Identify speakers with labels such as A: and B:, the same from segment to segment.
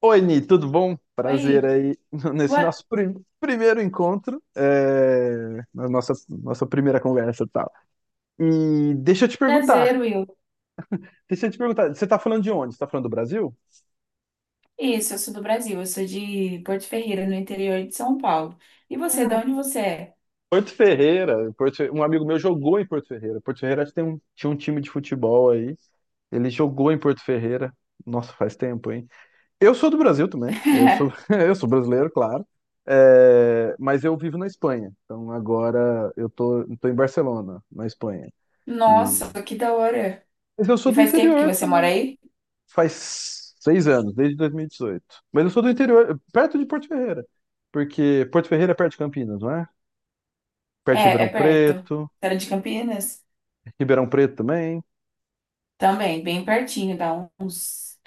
A: Oi, Ni, tudo bom? Prazer
B: Oi,
A: aí nesse
B: Boa-
A: nosso primeiro encontro, na nossa primeira conversa e tal. E
B: prazer, Will.
A: deixa eu te perguntar, você tá falando de onde? Você tá falando do Brasil?
B: Isso, eu sou do Brasil, eu sou de Porto Ferreira, no interior de São Paulo. E você, de
A: Cara,
B: onde você é?
A: Porto Ferreira, um amigo meu jogou em Porto Ferreira. Porto Ferreira acho que tinha um time de futebol aí, ele jogou em Porto Ferreira. Nossa, faz tempo, hein? Eu sou do Brasil também, eu sou brasileiro, claro, mas eu vivo na Espanha, então agora eu tô em Barcelona, na Espanha. E-
B: Nossa, que da hora.
A: Mas eu
B: E
A: sou do
B: faz tempo que
A: interior
B: você mora
A: também,
B: aí?
A: faz 6, desde 2018. Mas eu sou do interior, perto de Porto Ferreira, porque Porto Ferreira é perto de Campinas, não é? Perto de
B: É,
A: Ribeirão
B: é perto. Você
A: Preto,
B: era de Campinas?
A: Ribeirão Preto também.
B: Também, bem pertinho, dá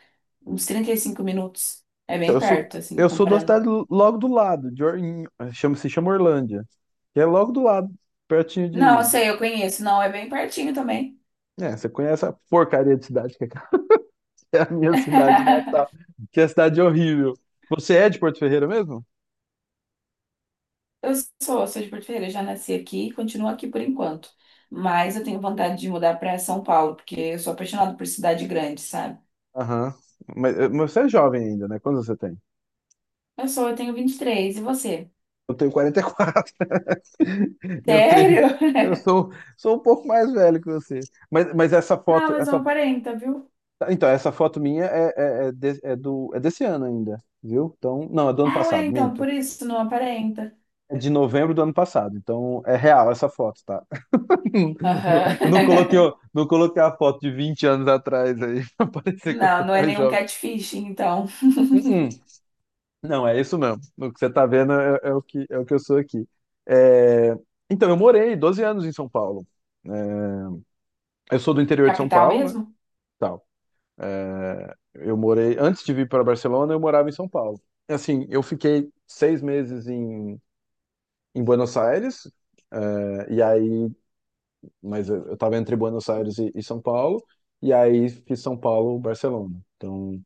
B: uns 35 minutos. É
A: Então,
B: bem
A: eu sou,
B: perto, assim,
A: eu sou da
B: comparando.
A: cidade logo do lado, de Or- em- chama, se chama Orlândia, que é logo do lado, pertinho
B: Não, eu
A: de.
B: sei, eu conheço. Não, é bem pertinho também.
A: É, você conhece a porcaria de cidade que é é a minha cidade natal, que é a cidade horrível. Você é de Porto Ferreira mesmo?
B: Eu sou de Porto Ferreira, já nasci aqui e continuo aqui por enquanto. Mas eu tenho vontade de mudar para São Paulo, porque eu sou apaixonada por cidade grande, sabe?
A: Aham. Mas você é jovem ainda, né? Quantos você tem?
B: Eu tenho 23, e três, e você?
A: Eu tenho 44. Eu tenho,
B: Sério?
A: eu sou, sou um pouco mais velho que você. Mas essa
B: Não,
A: foto,
B: mas não aparenta, viu?
A: então, essa foto minha é desse ano ainda, viu? Então, não, é do ano
B: Não é
A: passado,
B: então,
A: minto.
B: por isso não aparenta.
A: É de novembro do ano passado, então é real essa foto, tá? Não, eu não coloquei,
B: Aham.
A: o- não coloquei a foto de 20 atrás aí, pra parecer que eu
B: Não,
A: sou
B: não é
A: mais
B: nenhum
A: jovem.
B: catfishing, então.
A: Uh-uh. Não, é isso mesmo. O que você tá vendo é o que eu sou aqui. É, Então, eu morei 12 em São Paulo. É, Eu sou do interior de São
B: Capital
A: Paulo, né?
B: mesmo?
A: Tal. Eu morei, antes de vir para Barcelona, eu morava em São Paulo. Assim, eu fiquei 6 em Buenos Aires, e aí mas eu tava entre Buenos Aires e São Paulo, e aí fiz São Paulo, Barcelona. Então,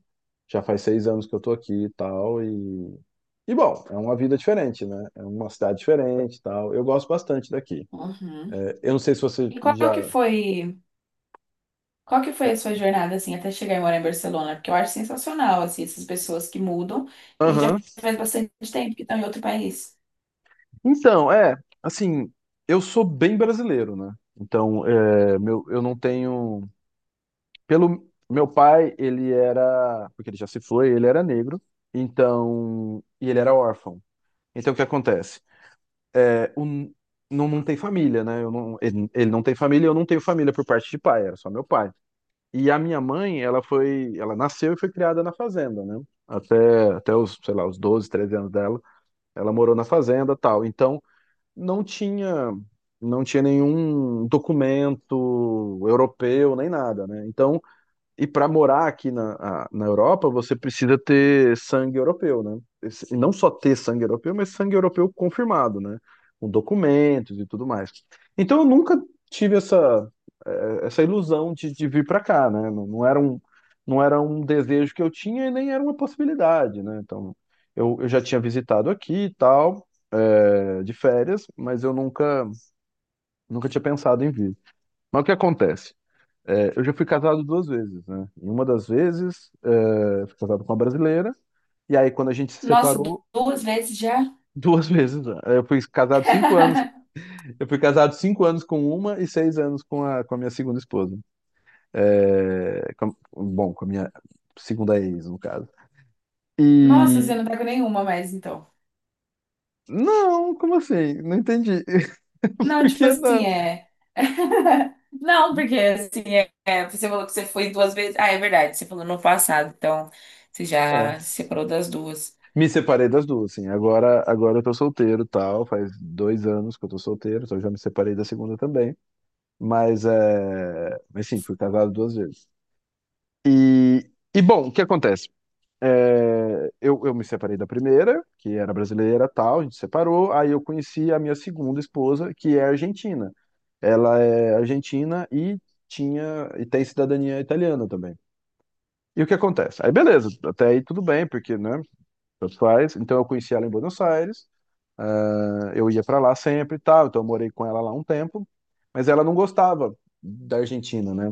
A: já faz 6 que eu tô aqui e tal, e... E, bom, é uma vida diferente, né? É uma cidade diferente e tal. Eu gosto bastante daqui.
B: Uhum.
A: Eu não sei se você
B: E qual
A: já...
B: que foi? Qual que foi a sua jornada, assim, até chegar e morar em Barcelona? Porque eu acho sensacional, assim, essas pessoas que mudam e que já
A: Aham.
B: faz bastante tempo que estão em outro país.
A: Então, assim, eu sou bem brasileiro, né? Então, meu, eu não tenho... Pelo... Meu pai, ele era... Porque ele já se foi, ele era negro, então... E ele era órfão. Então, o que acontece? é, o, não, não tem família, né? Eu não, ele não tem família, eu não tenho família por parte de pai, era só meu pai. E a minha mãe, ela nasceu e foi criada na fazenda, né? Até os, sei lá, os 12 13 anos dela, ela morou na fazenda, tal. Então, não tinha, não tinha nenhum documento europeu nem nada, né? Então, e para morar aqui na Europa, você precisa ter sangue europeu, né? E não só ter sangue europeu, mas sangue europeu confirmado, né? Com documentos e tudo mais. Então eu nunca tive essa, essa ilusão de vir para cá, né? Não, não era um desejo que eu tinha e nem era uma possibilidade, né? Então eu já tinha visitado aqui e tal, de férias, mas eu nunca tinha pensado em vir. Mas o que acontece? Eu já fui casado duas vezes, né? Em uma das vezes, eu fui casado com uma brasileira, e aí quando a gente se
B: Nossa,
A: separou,
B: duas vezes já?
A: duas vezes, né? Eu fui casado 5, eu fui casado cinco anos com uma e 6 com a minha segunda esposa. É, com com a minha segunda ex, no caso.
B: Nossa, você
A: E.
B: não tá com nenhuma mais, então.
A: Não, como assim? Não entendi.
B: Não,
A: Por
B: tipo
A: que não?
B: assim, é... Não, porque, assim, é... é, você falou que você foi duas vezes. Ah, é verdade, você falou no passado, então você
A: É,
B: já se separou das duas.
A: me separei das duas, sim. Agora eu tô solteiro, e tal. Faz 2 que eu tô solteiro, então eu já me separei da segunda também. Mas sim, fui casado duas vezes. E, e, bom, o que acontece? Eu me separei da primeira, que era brasileira, tal, a gente separou. Aí eu conheci a minha segunda esposa, que é argentina. Ela é argentina e tinha e tem cidadania italiana também. E o que acontece? Aí beleza, até aí tudo bem, porque, né, tanto faz. Então eu conheci ela em Buenos Aires, né, eu ia para lá sempre e tal, então eu morei com ela lá um tempo, mas ela não gostava da Argentina, né?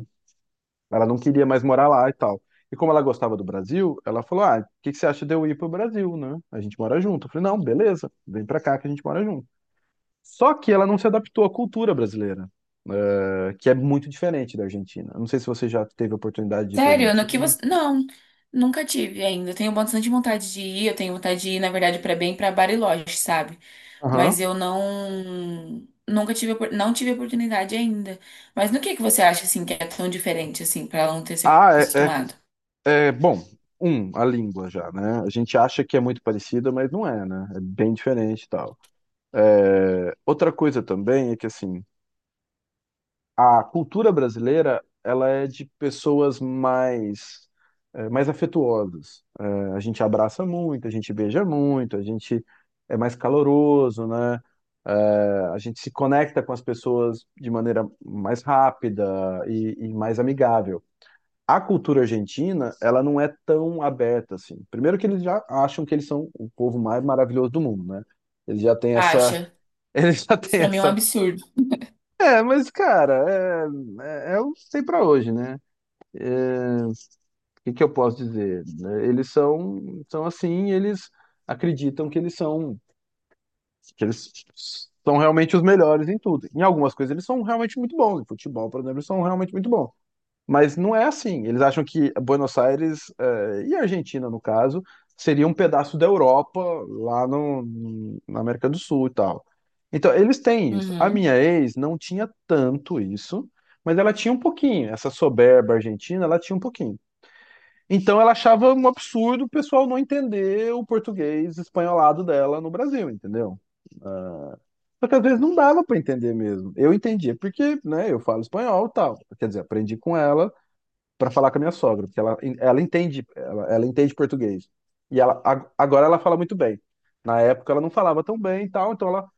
A: Ela não queria mais morar lá e tal. E como ela gostava do Brasil, ela falou: "Ah, o que que você acha de eu ir pro Brasil, né? A gente mora junto." Eu falei: "Não, beleza, vem pra cá que a gente mora junto." Só que ela não se adaptou à cultura brasileira, que é muito diferente da Argentina. Não sei se você já teve a oportunidade de ir pra
B: Sério? No que
A: Argentina.
B: você. Não, nunca tive ainda. Eu Tenho bastante vontade de ir. Eu tenho vontade de ir, na verdade, pra bem pra Bariloche, sabe? Mas
A: Aham.
B: eu não. Nunca tive, não tive oportunidade ainda. Mas no que você acha, assim, que é tão diferente, assim, pra ela não ter se
A: Ah,
B: acostumado?
A: bom. Um, a língua já, né? A gente acha que é muito parecida, mas não é, né? É bem diferente e tal. Outra coisa também é que assim, a cultura brasileira ela é de pessoas mais afetuosas. A gente abraça muito, a gente beija muito, a gente é mais caloroso, né? A gente se conecta com as pessoas de maneira mais rápida e mais amigável. A cultura argentina, ela não é tão aberta assim. Primeiro que eles já acham que eles são o povo mais maravilhoso do mundo, né? Eles já têm essa,
B: Acha?
A: eles já
B: Isso
A: têm
B: pra mim é um
A: essa
B: absurdo.
A: é, mas, cara, é o sei pra hoje, né? O que que eu posso dizer, né? Eles são assim, eles acreditam que eles são realmente os melhores em tudo. Em algumas coisas eles são realmente muito bons. Em futebol, por exemplo, eles são realmente muito bons. Mas não é assim. Eles acham que Buenos Aires, e a Argentina, no caso, seria um pedaço da Europa lá no, na América do Sul e tal. Então, eles têm isso. A
B: Uhum.
A: minha ex não tinha tanto isso, mas ela tinha um pouquinho. Essa soberba argentina, ela tinha um pouquinho. Então, ela achava um absurdo o pessoal não entender o português espanholado dela no Brasil, entendeu? Só que às vezes não dava para entender mesmo. Eu entendia porque, né, eu falo espanhol e tal. Quer dizer, aprendi com ela para falar com a minha sogra, porque ela entende, ela entende português. E ela agora ela fala muito bem. Na época ela não falava tão bem e tal, então ela,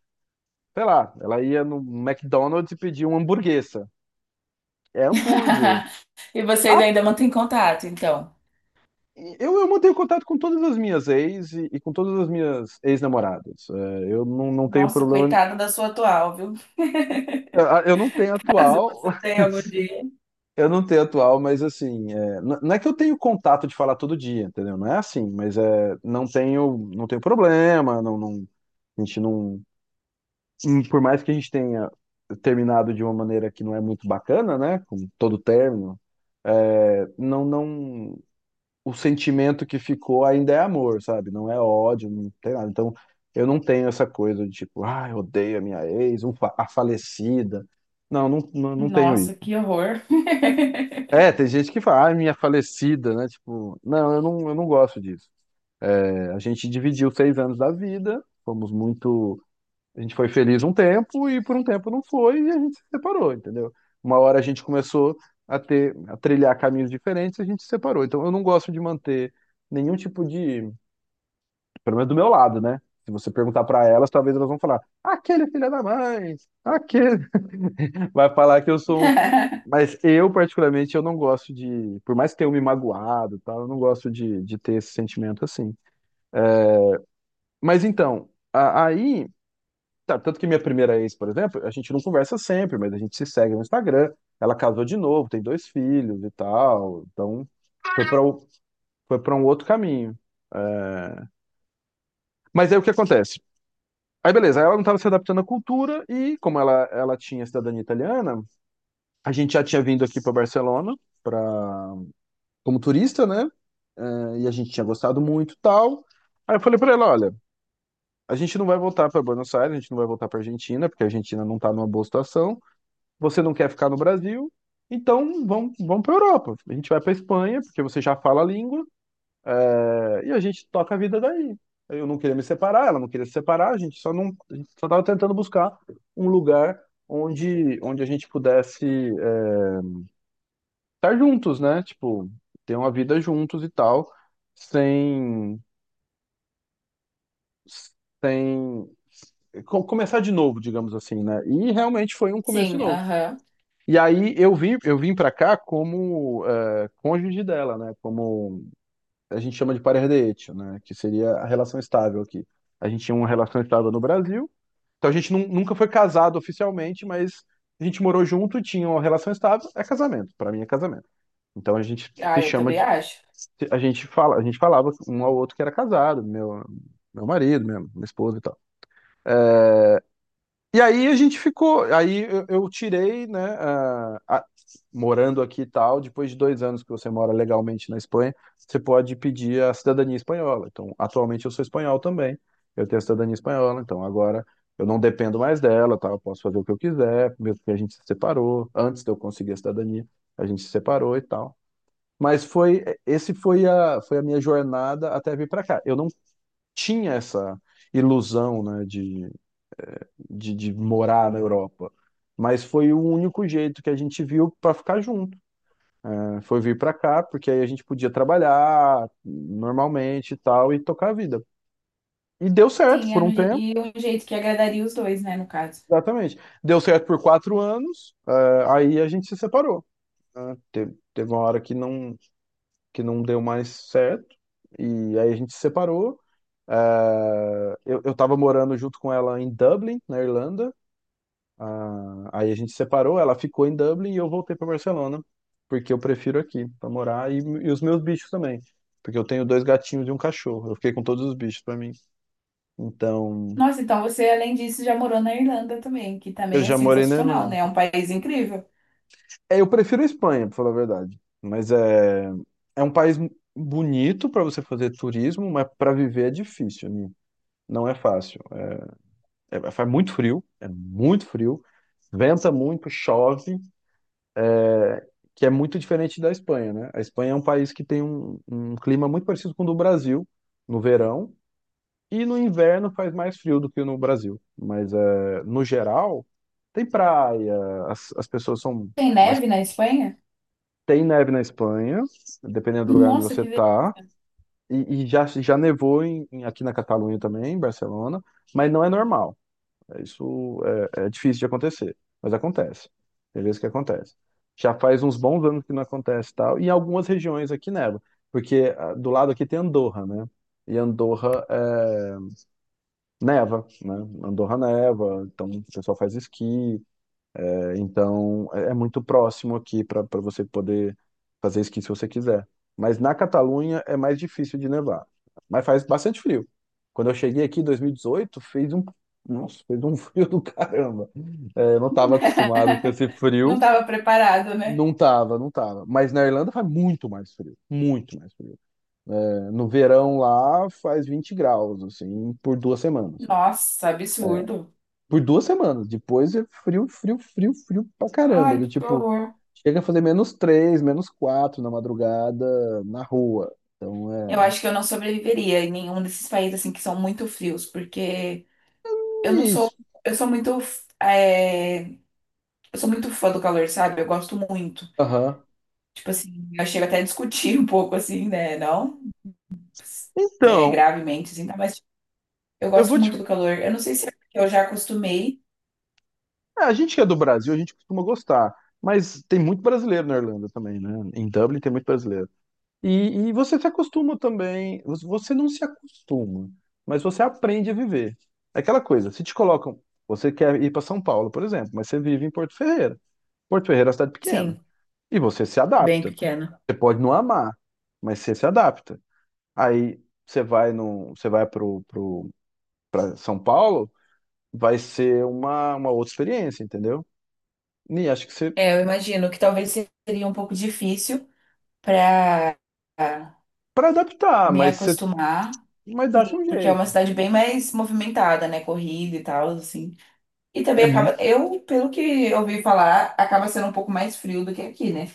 A: sei lá, ela ia no McDonald's e pedia uma hamburguesa. É hambúrguer.
B: E vocês
A: Ah,
B: ainda mantêm contato, então?
A: eu mantenho contato com todas as minhas ex e com todas as minhas ex-namoradas. Eu não tenho
B: Nossa,
A: problema.
B: coitada da sua atual, viu?
A: Eu não tenho
B: Caso
A: atual,
B: você tenha algum dia.
A: eu não tenho atual, mas assim, não é que eu tenho contato de falar todo dia, entendeu? Não é assim, não tenho problema, não, não. A gente não. E por mais que a gente tenha terminado de uma maneira que não é muito bacana, né? Como todo término, não, não. O sentimento que ficou ainda é amor, sabe? Não é ódio, não tem nada. Então, eu não tenho essa coisa de tipo, ah, eu odeio a minha ex, a falecida. Não, não, não, não tenho
B: Nossa,
A: isso.
B: que horror.
A: Tem gente que fala, ah, minha falecida, né? Tipo, não, eu não gosto disso. A gente dividiu 6 da vida, fomos muito. A gente foi feliz um tempo e por um tempo não foi e a gente se separou, entendeu? Uma hora a gente começou a trilhar caminhos diferentes e a gente se separou. Então eu não gosto de manter nenhum tipo de, pelo menos do meu lado, né? Se você perguntar pra elas, talvez elas vão falar: "Aquele filho da mãe, aquele". Vai falar que eu sou um, mas eu, particularmente, eu não gosto de. Por mais que tenham me magoado, e tal, eu não gosto de ter esse sentimento assim. Mas então, aí tá. Tanto que minha primeira ex, por exemplo, a gente não conversa sempre, mas a gente se segue no Instagram. Ela casou de novo, tem dois filhos e tal. Então, foi para foi para um outro caminho. É, Mas aí o que acontece? Aí, beleza, ela não estava se adaptando à cultura e, como ela tinha cidadania italiana, a gente já tinha vindo aqui para Barcelona pra... como turista, né? E a gente tinha gostado muito e tal. Aí eu falei para ela: olha, a gente não vai voltar para Buenos Aires, a gente não vai voltar para Argentina, porque a Argentina não está numa boa situação. Você não quer ficar no Brasil, então vamos para a Europa. A gente vai para Espanha, porque você já fala a língua, e a gente toca a vida daí. Eu não queria me separar, ela não queria se separar, a gente só não, a gente só estava tentando buscar um lugar onde a gente pudesse estar juntos, né? Tipo, ter uma vida juntos e tal, sem, sem começar de novo, digamos assim, né? E realmente foi um começo de
B: Sim,
A: novo.
B: aham.
A: E aí eu vim para cá como cônjuge dela, né? Como a gente chama de parer de hecho, né? Que seria a relação estável aqui. A gente tinha uma relação estável no Brasil, então a gente nunca foi casado oficialmente, mas a gente morou junto, tinha uma relação estável, é casamento. Para mim é casamento. Então a gente
B: Ah,
A: se
B: eu
A: chama
B: também
A: de,
B: acho.
A: a gente falava um ao outro que era casado, meu marido, minha esposa e tal. E aí a gente ficou, aí eu tirei, né, morando aqui e tal, depois de 2 anos que você mora legalmente na Espanha, você pode pedir a cidadania espanhola. Então, atualmente eu sou espanhol também, eu tenho a cidadania espanhola, então agora eu não dependo mais dela, tá? Eu posso fazer o que eu quiser, mesmo que a gente se separou, antes de eu conseguir a cidadania, a gente se separou e tal. Foi a minha jornada até vir para cá. Eu não tinha essa ilusão, né, de morar na Europa. Mas foi o único jeito que a gente viu para ficar junto, né? Foi vir para cá, porque aí a gente podia trabalhar normalmente e tal, e tocar a vida. E deu certo
B: Sim,
A: por
B: era
A: um
B: um
A: tempo,
B: um jeito que agradaria os dois, né, no caso.
A: exatamente. Deu certo por 4 anos, aí a gente se separou, né? Teve uma hora que não deu mais certo, e aí a gente se separou. Eu tava morando junto com ela em Dublin, na Irlanda. Aí a gente separou, ela ficou em Dublin e eu voltei para Barcelona, porque eu prefiro aqui para morar e os meus bichos também, porque eu tenho dois gatinhos e um cachorro. Eu fiquei com todos os bichos para mim. Então,
B: Nossa, então você, além disso, já morou na Irlanda também, que
A: eu
B: também é
A: já morei na
B: sensacional, né?
A: Irlanda.
B: É um país incrível.
A: É, eu prefiro a Espanha, para falar a verdade, mas é um país bonito para você fazer turismo, mas para viver é difícil, né? Não é fácil. Faz muito frio, é muito frio, venta muito, chove, que é muito diferente da Espanha, né? A Espanha é um país que tem um clima muito parecido com o do Brasil no verão, e no inverno faz mais frio do que no Brasil. Mas no geral tem praia, as pessoas são,
B: Tem
A: mas
B: neve na Espanha?
A: tem neve na Espanha, dependendo do lugar onde
B: Nossa,
A: você
B: que
A: tá.
B: delícia.
A: E já nevou aqui na Catalunha também, em Barcelona, mas não é normal. Isso é difícil de acontecer, mas acontece. Tem vezes que acontece. Já faz uns bons anos que não acontece e tal, e em algumas regiões aqui neva, porque do lado aqui tem Andorra, né? E Andorra neva, né? Andorra neva, então o pessoal faz esqui, então, é muito próximo aqui para você poder fazer esqui se você quiser. Mas na Catalunha é mais difícil de nevar. Mas faz bastante frio. Quando eu cheguei aqui em 2018, nossa, fez um frio do caramba. É, eu não estava acostumado com esse frio.
B: Não estava preparado, né?
A: Não tava, não tava. Mas na Irlanda faz muito mais frio. Muito mais frio. No verão lá faz 20 graus, assim, por 2 semanas.
B: Nossa, absurdo.
A: Por 2 semanas. Depois é frio, frio, frio, frio pra caramba.
B: Ai,
A: Do
B: que
A: tipo,
B: horror.
A: chega a fazer -3, -4 na madrugada na rua. Então é.
B: Eu acho que eu não sobreviveria em nenhum desses países assim que são muito frios, porque eu não sou,
A: Isso.
B: eu sou muito, é, eu sou muito fã do calor, sabe? Eu gosto muito.
A: Aham.
B: Tipo assim, eu chego até a discutir um pouco assim, né? Não é,
A: Então,
B: gravemente, assim, tá? Mas tipo, eu
A: eu
B: gosto
A: vou te.
B: muito do calor. Eu não sei se é porque eu já acostumei.
A: Ah, a gente que é do Brasil, a gente costuma gostar. Mas tem muito brasileiro na Irlanda também, né? Em Dublin tem muito brasileiro. E, e você se acostuma também. Você não se acostuma, mas você aprende a viver. É aquela coisa, se te colocam. Você quer ir para São Paulo, por exemplo, mas você vive em Porto Ferreira. Porto Ferreira é uma cidade pequena.
B: Sim,
A: E você se
B: bem
A: adapta.
B: pequena.
A: Você pode não amar, mas você se adapta. Aí você vai no, você vai pro São Paulo, vai ser uma outra experiência, entendeu? E acho que você
B: É, eu imagino que talvez seria um pouco difícil para
A: para adaptar,
B: me
A: mas você,
B: acostumar.
A: mas dá-se um
B: Sim. Porque é uma
A: jeito.
B: cidade bem mais movimentada, né? Corrida e tal, assim. E
A: É,
B: também acaba, eu, pelo que eu ouvi falar, acaba sendo um pouco mais frio do que aqui, né?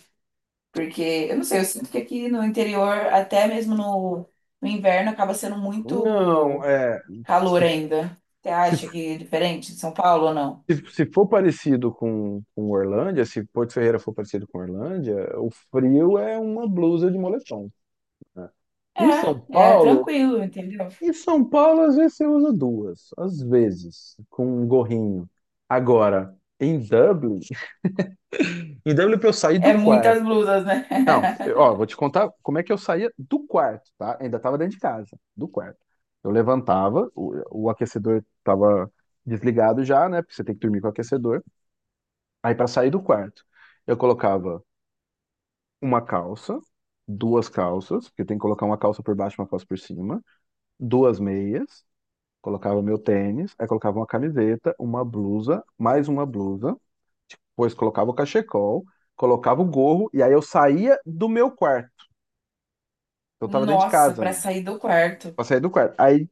B: Porque, eu não sei, eu sinto que aqui no interior, até mesmo no inverno, acaba sendo
A: não,
B: muito
A: é
B: calor
A: se,
B: ainda. Você
A: se,
B: acha que é diferente de São Paulo ou não?
A: se, se for parecido com Orlândia, se Porto Ferreira for parecido com Orlândia, o frio é uma blusa de moletom, né? Em São
B: É, é
A: Paulo,
B: tranquilo, entendeu?
A: em São Paulo, às vezes você usa duas, às vezes, com um gorrinho. Agora, em Dublin. E daí eu olhei pra eu sair
B: É
A: do quarto.
B: muitas blusas, né?
A: Não, ó, vou te contar como é que eu saía do quarto, tá? Ainda tava dentro de casa, do quarto. Eu levantava, o aquecedor tava desligado já, né? Porque você tem que dormir com o aquecedor. Aí pra sair do quarto, eu colocava uma calça, duas calças, porque tem que colocar uma calça por baixo, e uma calça por cima, duas meias, colocava meu tênis, aí colocava uma camiseta, uma blusa, mais uma blusa, depois colocava o cachecol, colocava o gorro, e aí eu saía do meu quarto. Eu tava dentro de
B: Nossa,
A: casa
B: para
A: ainda,
B: sair do quarto.
A: pra sair do quarto. Aí,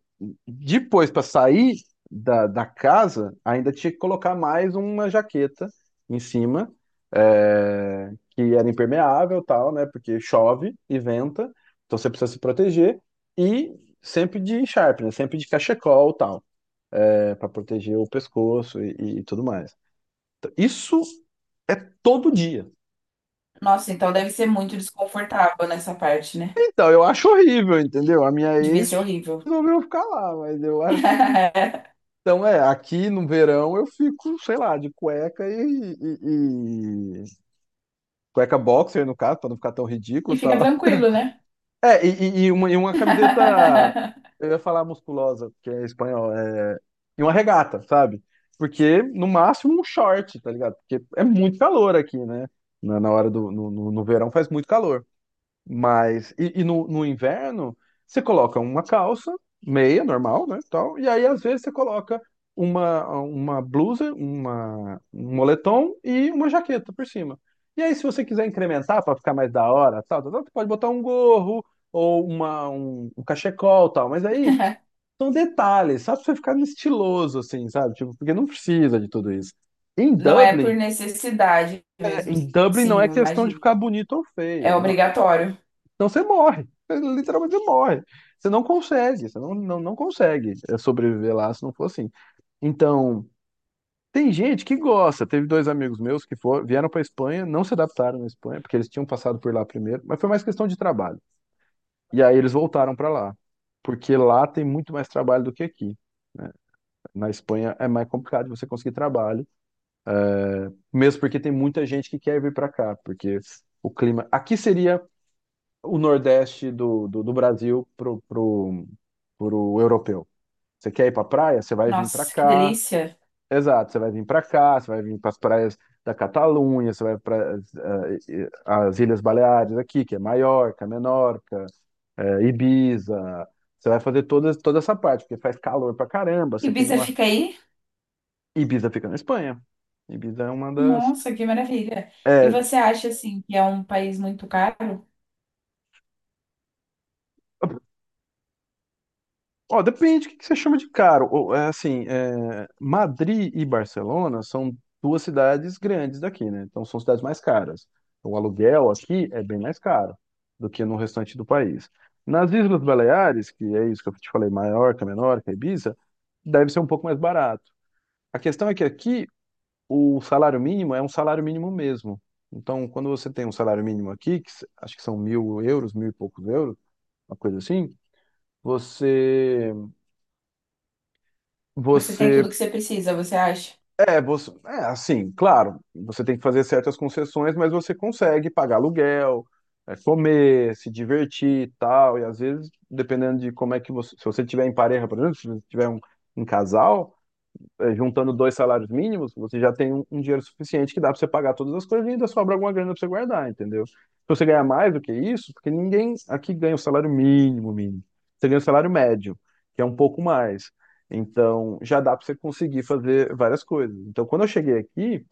A: depois, pra sair da casa, ainda tinha que colocar mais uma jaqueta em cima, que era impermeável e tal, né? Porque chove e venta, então você precisa se proteger. E sempre de Sharp, né? Sempre de cachecol e tal, pra proteger o pescoço e tudo mais. Então, isso é todo dia.
B: Nossa, então deve ser muito desconfortável nessa parte, né?
A: Então, eu acho horrível, entendeu? A minha
B: Devia ser
A: ex
B: horrível.
A: resolveu ficar lá, mas eu acho. Então, aqui no verão eu fico, sei lá, de cueca e cueca boxer, no caso, pra não ficar tão
B: E
A: ridículo e
B: fica
A: tal.
B: tranquilo, né?
A: É, e, e uma camiseta, eu ia falar musculosa, porque é espanhol, e uma regata, sabe? Porque, no máximo, um short, tá ligado? Porque é muito calor aqui, né? Na hora do, no, no no verão faz muito calor. Mas, no inverno, você coloca uma calça, meia, normal, né, tal, e aí às vezes você coloca uma blusa, um moletom e uma jaqueta por cima. E aí, se você quiser incrementar para ficar mais da hora, tal, tal, tal, você pode botar um gorro ou um cachecol, tal, mas aí são detalhes, só pra você ficar estiloso, assim, sabe, tipo, porque não precisa de tudo isso. Em
B: Não é por
A: Dublin,
B: necessidade
A: é,
B: mesmo,
A: em Dublin não
B: sim,
A: é
B: eu
A: questão de
B: imagino.
A: ficar bonito ou
B: É
A: feio, não.
B: obrigatório.
A: Então você morre. Literalmente você morre. Você não consegue, você não consegue sobreviver lá se não for assim. Então, tem gente que gosta. Teve dois amigos meus que foram, vieram para Espanha, não se adaptaram na Espanha, porque eles tinham passado por lá primeiro, mas foi mais questão de trabalho. E aí eles voltaram para lá, porque lá tem muito mais trabalho do que aqui. Na Espanha é mais complicado de você conseguir trabalho, mesmo porque tem muita gente que quer vir para cá, porque o clima aqui seria o Nordeste do Brasil pro europeu. Você quer ir pra praia? Você vai vir pra
B: Nossa, que
A: cá.
B: delícia.
A: Exato, você vai vir pra cá, você vai vir para as praias da Catalunha, você vai para as Ilhas Baleares aqui, que é Maiorca, Menorca, Ibiza. Você vai fazer toda essa parte, porque faz calor pra caramba. Você tem
B: Ibiza
A: uma.
B: fica aí?
A: Ibiza fica na Espanha. Ibiza é uma das.
B: Nossa, que maravilha. E
A: É,
B: você acha, assim, que é um país muito caro?
A: ó, depende do que você chama de caro. Ou, assim, Madrid e Barcelona são duas cidades grandes daqui, né? Então são cidades mais caras. O aluguel aqui é bem mais caro do que no restante do país. Nas Islas Baleares, que é isso que eu te falei, Maiorca, Menorca, Ibiza, deve ser um pouco mais barato. A questão é que aqui o salário mínimo é um salário mínimo mesmo. Então, quando você tem um salário mínimo aqui, que acho que são 1.000 euros, mil e poucos euros, uma coisa assim, você
B: Você tem
A: você
B: tudo que você precisa, você acha?
A: É, você, assim, claro, você tem que fazer certas concessões, mas você consegue pagar aluguel, comer, se divertir e tal. E às vezes, dependendo de como é que você. Se você tiver em pareja, por exemplo, se você tiver um casal, juntando dois salários mínimos, você já tem um dinheiro suficiente que dá para você pagar todas as coisas e ainda sobra alguma grana para você guardar, entendeu? Se você ganhar mais do que isso, porque ninguém aqui ganha o salário mínimo, mínimo. Você ganha o salário médio, que é um pouco mais. Então, já dá para você conseguir fazer várias coisas. Então, quando eu cheguei aqui,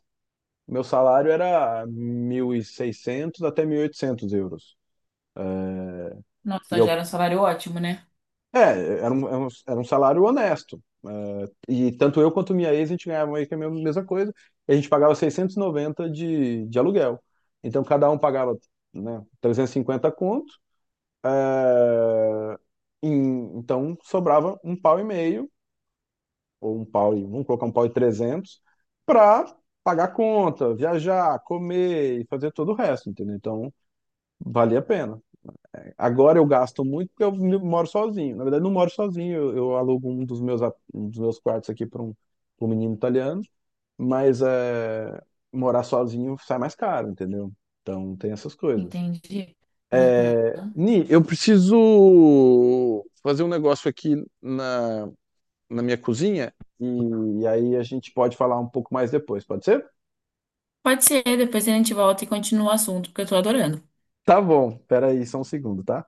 A: meu salário era 1.600 até 1.800 euros.
B: Nossa,
A: E
B: então gera
A: eu.
B: um salário ótimo, né?
A: É, era um salário honesto. E tanto eu quanto minha ex, a gente ganhava meio que a mesma mesma coisa. E a gente pagava 690 de aluguel. Então cada um pagava, né, 350 conto. é, então sobrava um pau e meio, ou um pau e, vamos colocar um pau e 300 para pagar conta, viajar, comer e fazer todo o resto, entendeu? Então valia a pena. Agora eu gasto muito porque eu moro sozinho. Na verdade, não moro sozinho. Eu alugo um dos meus quartos aqui para um, pra um menino italiano. Mas morar sozinho sai mais caro, entendeu? Então tem essas coisas.
B: Entendi. Uhum.
A: É, Ni, eu preciso fazer um negócio aqui na, na minha cozinha. E, e aí a gente pode falar um pouco mais depois, pode ser?
B: Pode ser, depois a gente volta e continua o assunto, porque eu tô adorando.
A: Tá bom, peraí, só um segundo, tá?